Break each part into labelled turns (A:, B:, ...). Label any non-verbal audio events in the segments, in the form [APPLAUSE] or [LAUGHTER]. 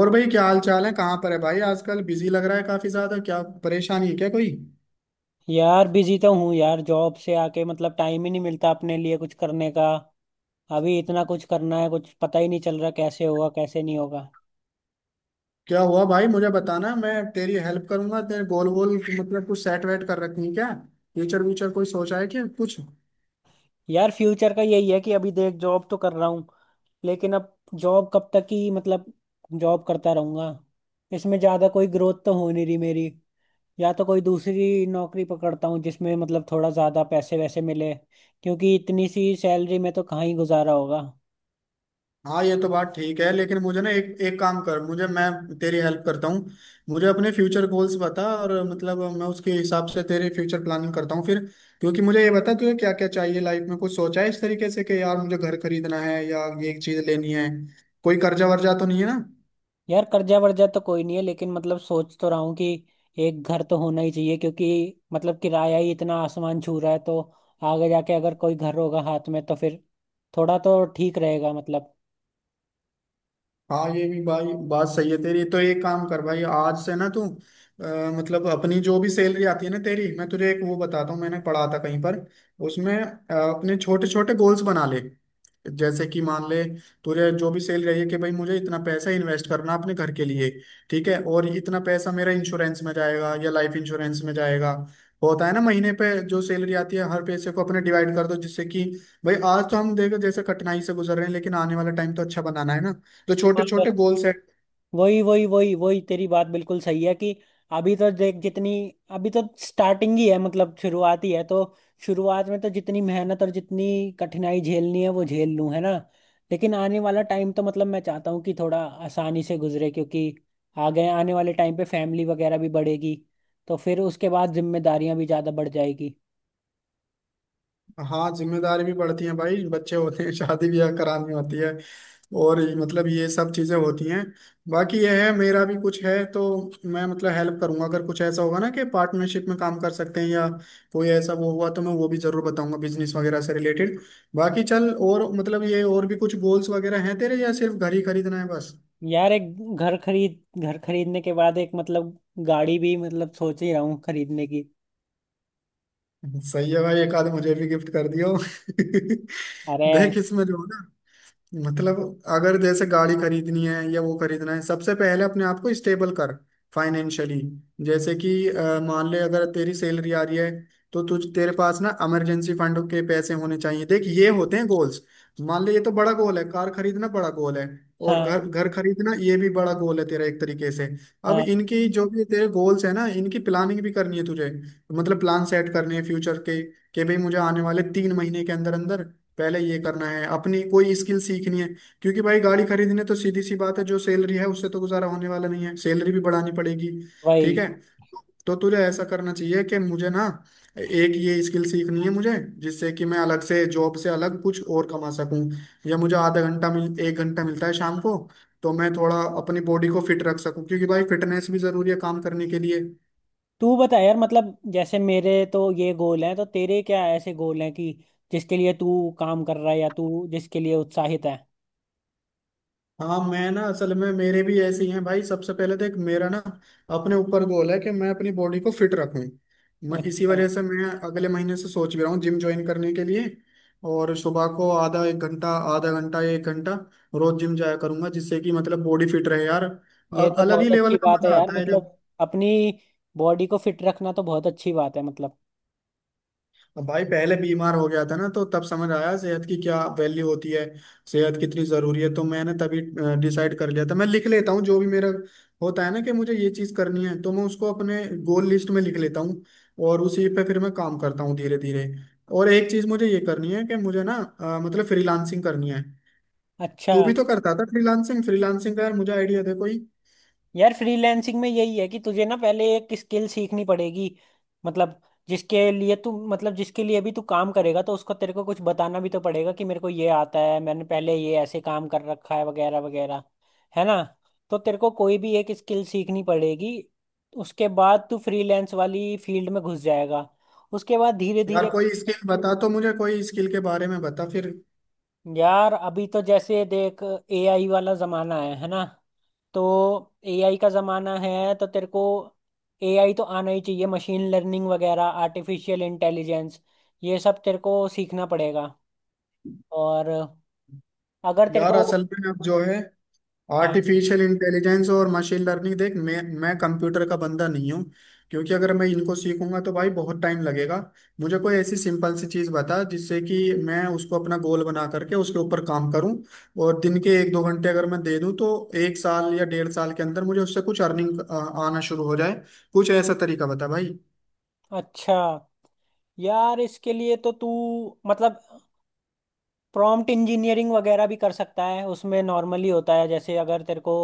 A: और भाई क्या हाल चाल है। कहाँ पर है भाई। आजकल बिजी लग रहा है काफी ज्यादा। क्या परेशानी है क्या कोई?
B: यार बिजी तो हूँ यार जॉब से आके मतलब टाइम ही नहीं मिलता अपने लिए कुछ करने का। अभी इतना कुछ करना है, कुछ पता ही नहीं चल रहा कैसे होगा कैसे नहीं होगा।
A: क्या हुआ भाई मुझे बताना, मैं तेरी हेल्प करूंगा। तेरे गोल गोल मतलब कुछ सेट वेट कर रखी है क्या? फ्यूचर व्यूचर कोई सोचा है क्या कुछ?
B: यार फ्यूचर का यही है कि अभी देख जॉब तो कर रहा हूँ, लेकिन अब जॉब कब तक ही, मतलब जॉब करता रहूंगा। इसमें ज़्यादा कोई ग्रोथ तो हो नहीं रही मेरी। या तो कोई दूसरी नौकरी पकड़ता हूँ जिसमें मतलब थोड़ा ज़्यादा पैसे वैसे मिले, क्योंकि इतनी सी सैलरी में तो कहाँ ही गुजारा होगा।
A: हाँ ये तो बात ठीक है, लेकिन मुझे ना एक एक काम कर। मुझे मैं तेरी हेल्प करता हूँ। मुझे अपने फ्यूचर गोल्स बता और मतलब मैं उसके हिसाब से तेरे फ्यूचर प्लानिंग करता हूँ फिर। क्योंकि मुझे ये बता तुझे क्या क्या चाहिए लाइफ में। कुछ सोचा है इस तरीके से कि यार मुझे घर खरीदना है या ये चीज लेनी है? कोई कर्जा वर्जा तो नहीं है ना?
B: यार कर्जा वर्जा तो कोई नहीं है, लेकिन मतलब सोच तो रहा हूँ कि एक घर तो होना ही चाहिए, क्योंकि मतलब किराया ही इतना आसमान छू रहा है। तो आगे जाके अगर कोई घर होगा हाथ में तो फिर थोड़ा तो ठीक रहेगा मतलब।
A: हाँ ये भी भाई बात सही है तेरी। तो एक काम कर भाई, आज से ना तू मतलब अपनी जो भी सैलरी आती है ना तेरी, मैं तुझे एक वो बताता हूँ, मैंने पढ़ा था कहीं पर। उसमें अपने छोटे छोटे गोल्स बना ले। जैसे कि मान ले, तुझे जो भी सेल रही है कि भाई मुझे इतना पैसा इन्वेस्ट करना अपने घर के लिए। ठीक है, और इतना पैसा मेरा इंश्योरेंस में जाएगा या लाइफ इंश्योरेंस में जाएगा। होता है ना, महीने पे जो सैलरी आती है हर पैसे को अपने डिवाइड कर दो, जिससे कि भाई आज तो हम देखो जैसे कठिनाई से गुजर रहे हैं, लेकिन आने वाला टाइम तो अच्छा बनाना है ना। तो
B: हाँ,
A: छोटे छोटे गोल सेट।
B: वही वही वही वही तेरी बात बिल्कुल सही है कि अभी तो देख जितनी, अभी तो स्टार्टिंग ही है, मतलब शुरुआत ही है। तो शुरुआत में तो जितनी मेहनत और जितनी कठिनाई झेलनी है वो झेल लूं, है ना। लेकिन आने वाला टाइम तो मतलब मैं चाहता हूँ कि थोड़ा आसानी से गुजरे, क्योंकि आगे आने वाले टाइम पे फैमिली वगैरह भी बढ़ेगी, तो फिर उसके बाद जिम्मेदारियां भी ज़्यादा बढ़ जाएगी।
A: हाँ जिम्मेदारी भी बढ़ती है भाई, बच्चे होते हैं, शादी ब्याह करानी होती है। और मतलब ये सब चीजें होती हैं। बाकी यह है, मेरा भी कुछ है तो मैं मतलब हेल्प करूंगा अगर कुछ ऐसा होगा ना कि पार्टनरशिप में काम कर सकते हैं या कोई ऐसा वो हुआ तो मैं वो भी जरूर बताऊंगा बिजनेस वगैरह से रिलेटेड। बाकी चल, और मतलब ये और भी कुछ गोल्स वगैरह हैं तेरे या सिर्फ घर ही खरीदना है बस?
B: यार एक घर खरीदने के बाद एक मतलब गाड़ी भी, मतलब सोच ही रहा हूँ खरीदने की।
A: सही है भाई, एक आध मुझे भी गिफ्ट कर दियो। [LAUGHS]
B: अरे!
A: देख इसमें जो है ना, मतलब अगर जैसे गाड़ी खरीदनी है या वो खरीदना है, सबसे पहले अपने आप को स्टेबल कर, फाइनेंशियली। जैसे कि मान ले अगर तेरी सैलरी आ रही है तो तुझ तेरे पास ना इमरजेंसी फंड के पैसे होने चाहिए। देख ये होते हैं गोल्स। मान ले, ये तो बड़ा गोल है, कार खरीदना बड़ा गोल है। और
B: हाँ,
A: घर घर खरीदना ये भी बड़ा गोल है तेरा एक तरीके से। अब
B: हाँ,
A: इनकी जो भी तेरे गोल्स है ना, इनकी प्लानिंग भी करनी है तुझे। मतलब प्लान सेट करने हैं फ्यूचर के कि भाई मुझे आने वाले 3 महीने के अंदर अंदर पहले ये करना है, अपनी कोई स्किल सीखनी है। क्योंकि भाई गाड़ी खरीदने तो सीधी सी बात है, जो सैलरी है उससे तो गुजारा होने वाला नहीं है, सैलरी भी बढ़ानी पड़ेगी।
B: वही।
A: ठीक है। तो तुझे ऐसा करना चाहिए कि मुझे ना एक ये स्किल सीखनी है मुझे, जिससे कि मैं अलग से जॉब से अलग कुछ और कमा सकूं। या मुझे आधा घंटा मिल एक घंटा मिलता है शाम को, तो मैं थोड़ा अपनी बॉडी को फिट रख सकूं, क्योंकि भाई फिटनेस भी जरूरी है काम करने के लिए।
B: तू बता यार, मतलब जैसे मेरे तो ये गोल हैं, तो तेरे क्या ऐसे गोल हैं कि जिसके लिए तू काम कर रहा है या तू जिसके लिए उत्साहित है।
A: हाँ मैं ना असल में मेरे भी ऐसे ही हैं भाई। सबसे पहले देख, मेरा ना अपने ऊपर गोल है कि मैं अपनी बॉडी को फिट रखूं। मैं इसी
B: अच्छा।
A: वजह से मैं अगले महीने से सोच भी रहा हूँ जिम ज्वाइन करने के लिए। और सुबह को आधा घंटा एक घंटा रोज जिम जाया करूंगा, जिससे कि मतलब बॉडी फिट रहे। यार
B: ये तो
A: अलग
B: बहुत
A: ही
B: अच्छी
A: लेवल का
B: बात है
A: मजा
B: यार,
A: आता है जब।
B: मतलब अपनी बॉडी को फिट रखना तो बहुत अच्छी बात है मतलब।
A: अब भाई पहले बीमार हो गया था ना तो तब समझ आया सेहत की क्या वैल्यू होती है, सेहत कितनी जरूरी है। तो मैंने तभी डिसाइड कर लिया था, मैं लिख लेता हूँ जो भी मेरा होता है ना कि मुझे ये चीज करनी है तो मैं उसको अपने गोल लिस्ट में लिख लेता हूँ, और उसी पे फिर मैं काम करता हूँ धीरे धीरे। और एक चीज मुझे ये करनी है कि मुझे ना मतलब फ्रीलांसिंग करनी है।
B: अच्छा।
A: तू भी तो करता था फ्रीलांसिंग। फ्रीलांसिंग का यार मुझे आइडिया दे कोई।
B: यार फ्रीलैंसिंग में यही है कि तुझे ना पहले एक स्किल सीखनी पड़ेगी। मतलब जिसके लिए तू, मतलब जिसके लिए भी तू काम करेगा तो उसको तेरे को कुछ बताना भी तो पड़ेगा कि मेरे को ये आता है, मैंने पहले ये ऐसे काम कर रखा है वगैरह वगैरह, है ना। तो तेरे को कोई भी एक स्किल सीखनी पड़ेगी। उसके बाद तू फ्रीलैंस वाली फील्ड में घुस जाएगा, उसके बाद धीरे
A: यार
B: धीरे।
A: कोई स्किल बता तो, मुझे कोई स्किल के बारे में बता फिर।
B: यार अभी तो जैसे देख, एआई वाला जमाना है ना। तो एआई का जमाना है तो तेरे को एआई तो आना ही चाहिए, मशीन लर्निंग वगैरह, आर्टिफिशियल इंटेलिजेंस, ये सब तेरे को सीखना पड़ेगा। और अगर तेरे
A: यार
B: को।
A: असल में अब जो है,
B: हाँ।
A: आर्टिफिशियल इंटेलिजेंस और मशीन लर्निंग, देख मैं कंप्यूटर का बंदा नहीं हूँ। क्योंकि अगर मैं इनको सीखूंगा तो भाई बहुत टाइम लगेगा। मुझे कोई ऐसी सिंपल सी चीज़ बता, जिससे कि मैं उसको अपना गोल बना करके उसके ऊपर काम करूँ। और दिन के एक दो घंटे अगर मैं दे दूँ तो एक साल या डेढ़ साल के अंदर मुझे उससे कुछ अर्निंग आना शुरू हो जाए। कुछ ऐसा तरीका बता भाई।
B: अच्छा। यार इसके लिए तो तू मतलब प्रॉम्प्ट इंजीनियरिंग वगैरह भी कर सकता है। उसमें नॉर्मली होता है, जैसे अगर तेरे को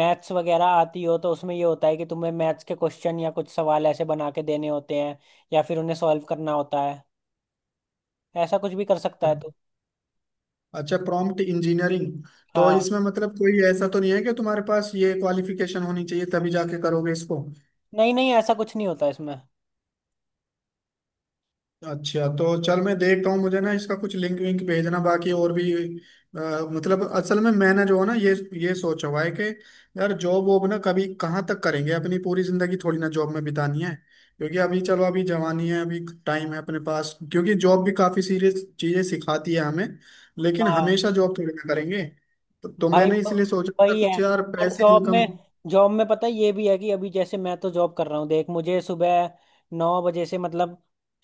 B: मैथ्स वगैरह आती हो, तो उसमें ये होता है कि तुम्हें मैथ्स के क्वेश्चन या कुछ सवाल ऐसे बना के देने होते हैं, या फिर उन्हें सॉल्व करना होता है। ऐसा कुछ भी कर सकता है तू।
A: अच्छा, प्रॉम्प्ट इंजीनियरिंग। तो
B: हाँ।
A: इसमें मतलब कोई ऐसा तो नहीं है कि तुम्हारे पास ये क्वालिफिकेशन होनी चाहिए तभी जाके करोगे इसको?
B: नहीं नहीं, ऐसा कुछ नहीं होता इसमें।
A: अच्छा, तो चल मैं देखता हूँ, मुझे ना इसका कुछ लिंक विंक भेजना। बाकी और भी अ, मतलब असल में मैंने जो है ना ये सोचा हुआ है कि यार जॉब वॉब ना कभी कहाँ तक करेंगे, अपनी पूरी जिंदगी थोड़ी ना जॉब में बितानी है। क्योंकि अभी चलो अभी जवानी है, अभी टाइम है अपने पास, क्योंकि जॉब भी काफी सीरियस चीजें सिखाती है हमें। लेकिन
B: हाँ
A: हमेशा जॉब थोड़ी ना करेंगे। तो
B: भाई,
A: मैंने इसलिए सोचा था
B: वही है।
A: कुछ यार
B: और
A: पैसे
B: जॉब
A: इनकम।
B: में जॉब में पता है ये भी है कि अभी जैसे मैं तो जॉब कर रहा हूँ। देख मुझे सुबह 9 बजे से मतलब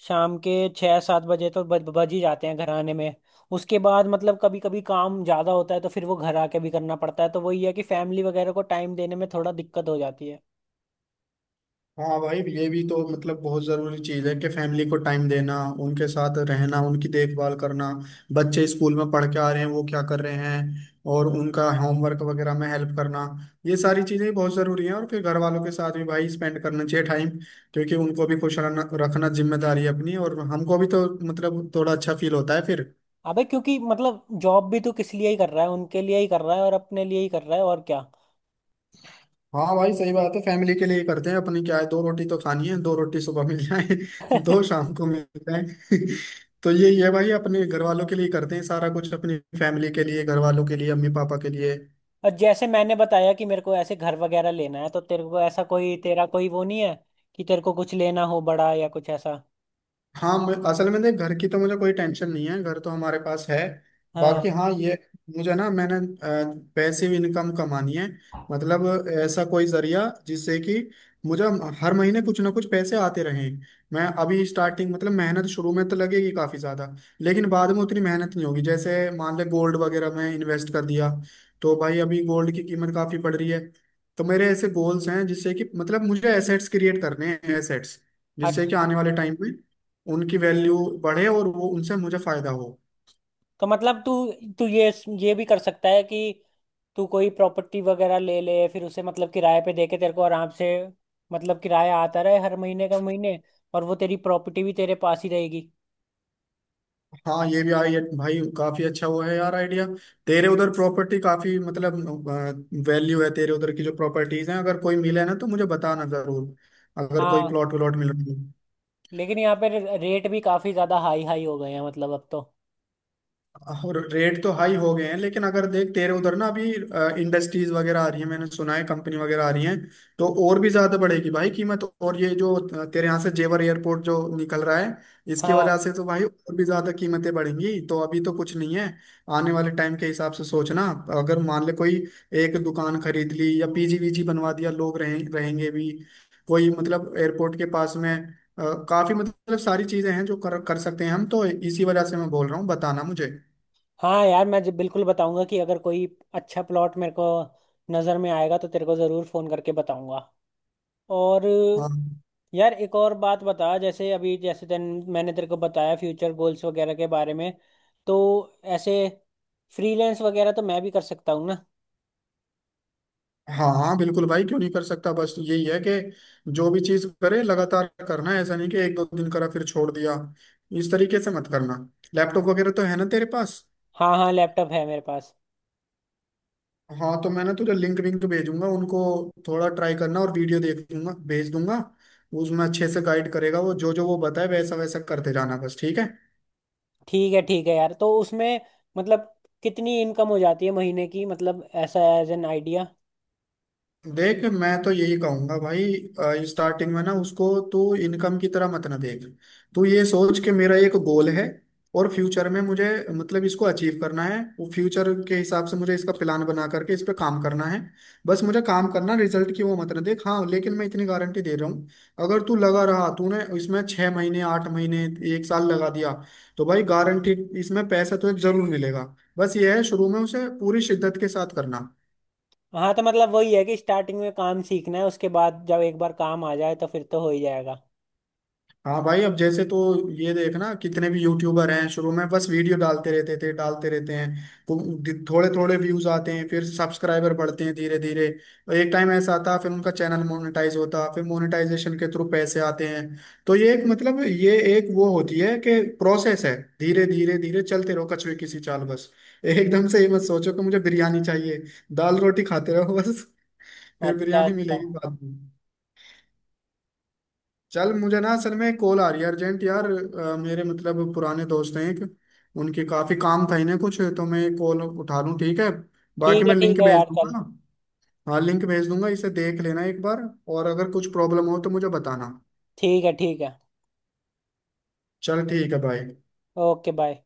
B: शाम के 6-7 बजे तो बज बज ही जाते हैं घर आने में। उसके बाद मतलब कभी कभी काम ज़्यादा होता है तो फिर वो घर आके भी करना पड़ता है, तो वही है कि फैमिली वगैरह को टाइम देने में थोड़ा दिक्कत हो जाती है।
A: हाँ भाई ये भी तो मतलब बहुत ज़रूरी चीज़ है कि फैमिली को टाइम देना, उनके साथ रहना, उनकी देखभाल करना। बच्चे स्कूल में पढ़ के आ रहे हैं वो क्या कर रहे हैं, और उनका होमवर्क वगैरह में हेल्प करना। ये सारी चीज़ें बहुत ज़रूरी हैं। और फिर घर वालों के साथ भी भाई स्पेंड करना चाहिए टाइम, क्योंकि उनको भी खुश रहना रखना जिम्मेदारी है अपनी, और हमको भी तो मतलब थोड़ा अच्छा फील होता है फिर।
B: अबे, क्योंकि मतलब जॉब भी तू किस लिए ही कर रहा है? उनके लिए ही कर रहा है, और अपने लिए ही कर रहा है, और क्या।
A: हाँ भाई सही बात है, फैमिली के लिए ही करते हैं अपनी। क्या है, दो रोटी तो खानी है, दो रोटी सुबह मिल जाए [LAUGHS] दो
B: [LAUGHS]
A: शाम को मिल जाए। [LAUGHS] तो ये भाई अपने घर वालों के लिए ही करते हैं सारा कुछ, अपनी फैमिली के लिए, घर वालों के लिए, अम्मी पापा के लिए।
B: और जैसे मैंने बताया कि मेरे को ऐसे घर वगैरह लेना है, तो तेरे को ऐसा कोई, तेरा कोई वो नहीं है कि तेरे को कुछ लेना हो बड़ा या कुछ ऐसा।
A: हाँ असल में देख घर की तो मुझे कोई टेंशन नहीं है, घर तो हमारे पास है।
B: हाँ।
A: बाकी हाँ ये, मुझे ना मैंने पैसिव इनकम कमानी है। मतलब ऐसा कोई जरिया जिससे कि मुझे हर महीने कुछ ना कुछ पैसे आते रहें। मैं अभी स्टार्टिंग मतलब मेहनत शुरू में तो लगेगी काफी ज्यादा, लेकिन बाद में उतनी मेहनत नहीं होगी। जैसे मान ले गोल्ड वगैरह में इन्वेस्ट कर दिया, तो भाई अभी गोल्ड की कीमत काफी बढ़ रही है। तो मेरे ऐसे गोल्स हैं जिससे कि मतलब मुझे एसेट्स क्रिएट करने हैं, एसेट्स, जिससे कि
B: अच्छा,
A: आने वाले टाइम में उनकी वैल्यू बढ़े और वो उनसे मुझे फायदा हो।
B: तो मतलब तू तू ये भी कर सकता है कि तू कोई प्रॉपर्टी वगैरह ले ले, फिर उसे मतलब किराए पे दे के तेरे को आराम से मतलब किराया आता रहे हर महीने का महीने। और वो तेरी प्रॉपर्टी भी तेरे पास ही रहेगी।
A: हाँ ये भी आई भाई काफी अच्छा वो है यार आइडिया। तेरे उधर प्रॉपर्टी काफी मतलब वैल्यू है, तेरे उधर की जो प्रॉपर्टीज हैं, अगर कोई मिले ना तो मुझे बताना जरूर, अगर कोई
B: हाँ
A: प्लॉट व्लॉट मिल रहा है।
B: लेकिन यहाँ पे रेट भी काफी ज्यादा हाई हाई हो गए हैं मतलब अब तो।
A: और रेट तो हाई हो गए हैं, लेकिन अगर देख तेरे उधर ना अभी इंडस्ट्रीज वगैरह आ रही है, मैंने सुना है कंपनी वगैरह आ रही है। तो और भी ज्यादा बढ़ेगी भाई कीमत। और ये जो तेरे यहाँ से जेवर एयरपोर्ट जो निकल रहा है, इसकी
B: हाँ,
A: वजह से तो भाई और भी ज्यादा कीमतें बढ़ेंगी। तो अभी तो कुछ नहीं है, आने वाले टाइम के हिसाब से सोचना। अगर मान ले कोई एक दुकान खरीद ली, या पीजी वीजी बनवा दिया, लोग रहें रहेंगे भी, कोई मतलब एयरपोर्ट के पास में। काफी मतलब सारी चीजें हैं जो कर कर सकते हैं हम, तो इसी वजह से मैं बोल रहा हूँ बताना मुझे।
B: हाँ। यार मैं जब बिल्कुल बताऊंगा कि अगर कोई अच्छा प्लॉट मेरे को नज़र में आएगा तो तेरे को ज़रूर फ़ोन करके बताऊंगा। और
A: हाँ
B: यार एक और बात बता, जैसे अभी जैसे तेन मैंने तेरे को बताया फ्यूचर गोल्स वगैरह के बारे में। तो ऐसे फ्रीलांस वगैरह तो मैं भी कर सकता हूँ ना।
A: हाँ हाँ, बिल्कुल भाई क्यों नहीं कर सकता। बस यही है कि जो भी चीज करे लगातार करना है, ऐसा नहीं कि एक दो दिन करा फिर छोड़ दिया। इस तरीके से मत करना। लैपटॉप वगैरह तो है ना तेरे पास?
B: हाँ, हाँ, लैपटॉप है मेरे पास।
A: हाँ तो मैं ना तुझे लिंक विंक भेजूंगा उनको। थोड़ा ट्राई करना, और वीडियो देख दूंगा भेज दूंगा, उसमें अच्छे से गाइड करेगा वो, जो जो वो बताए वैसा वैसा करते जाना बस। ठीक है।
B: ठीक है, ठीक है यार। तो उसमें मतलब कितनी इनकम हो जाती है महीने की, मतलब ऐसा एज एन आइडिया।
A: देख मैं तो यही कहूंगा भाई, स्टार्टिंग में ना उसको तू इनकम की तरह मत ना देख। तू ये सोच के मेरा एक गोल है, और फ्यूचर में मुझे मतलब इसको अचीव करना है, वो फ्यूचर के हिसाब से मुझे इसका प्लान बना करके इस पे काम करना है। बस मुझे काम करना, रिजल्ट की वो मत ना देख। हाँ लेकिन मैं इतनी गारंटी दे रहा हूँ, अगर तू लगा रहा, तूने इसमें 6 महीने 8 महीने 1 साल लगा दिया तो भाई गारंटी, इसमें पैसा तो जरूर मिलेगा। बस ये है शुरू में उसे पूरी शिद्दत के साथ करना।
B: हाँ तो मतलब वही है कि स्टार्टिंग में काम सीखना है, उसके बाद जब एक बार काम आ जाए तो फिर तो हो ही जाएगा।
A: हाँ भाई अब जैसे तो ये देखना कितने भी यूट्यूबर हैं शुरू में बस वीडियो डालते रहते हैं, तो थोड़े थोड़े व्यूज आते हैं, फिर सब्सक्राइबर बढ़ते हैं धीरे धीरे। और एक टाइम ऐसा आता फिर उनका चैनल मोनेटाइज होता, फिर मोनेटाइजेशन के थ्रू पैसे आते हैं। तो ये एक मतलब ये एक वो होती है कि प्रोसेस है, धीरे धीरे धीरे चलते रहो कछुए की सी चाल बस। एकदम से ये मत सोचो कि मुझे बिरयानी चाहिए, दाल रोटी खाते रहो बस, फिर
B: अच्छा,
A: बिरयानी
B: अच्छा।
A: मिलेगी बाद में। चल मुझे ना असल में कॉल आ रही है अर्जेंट यार। मेरे मतलब पुराने दोस्त हैं एक, उनके काफी काम था इन्हें कुछ, तो मैं कॉल उठा लूँ ठीक है? बाकी
B: ठीक है,
A: मैं
B: ठीक
A: लिंक
B: है
A: भेज
B: यार चल।
A: दूंगा। हाँ लिंक भेज दूंगा, इसे देख लेना एक बार, और अगर कुछ प्रॉब्लम हो तो मुझे बताना।
B: ठीक है, ठीक है।
A: चल ठीक है भाई।
B: Okay bye.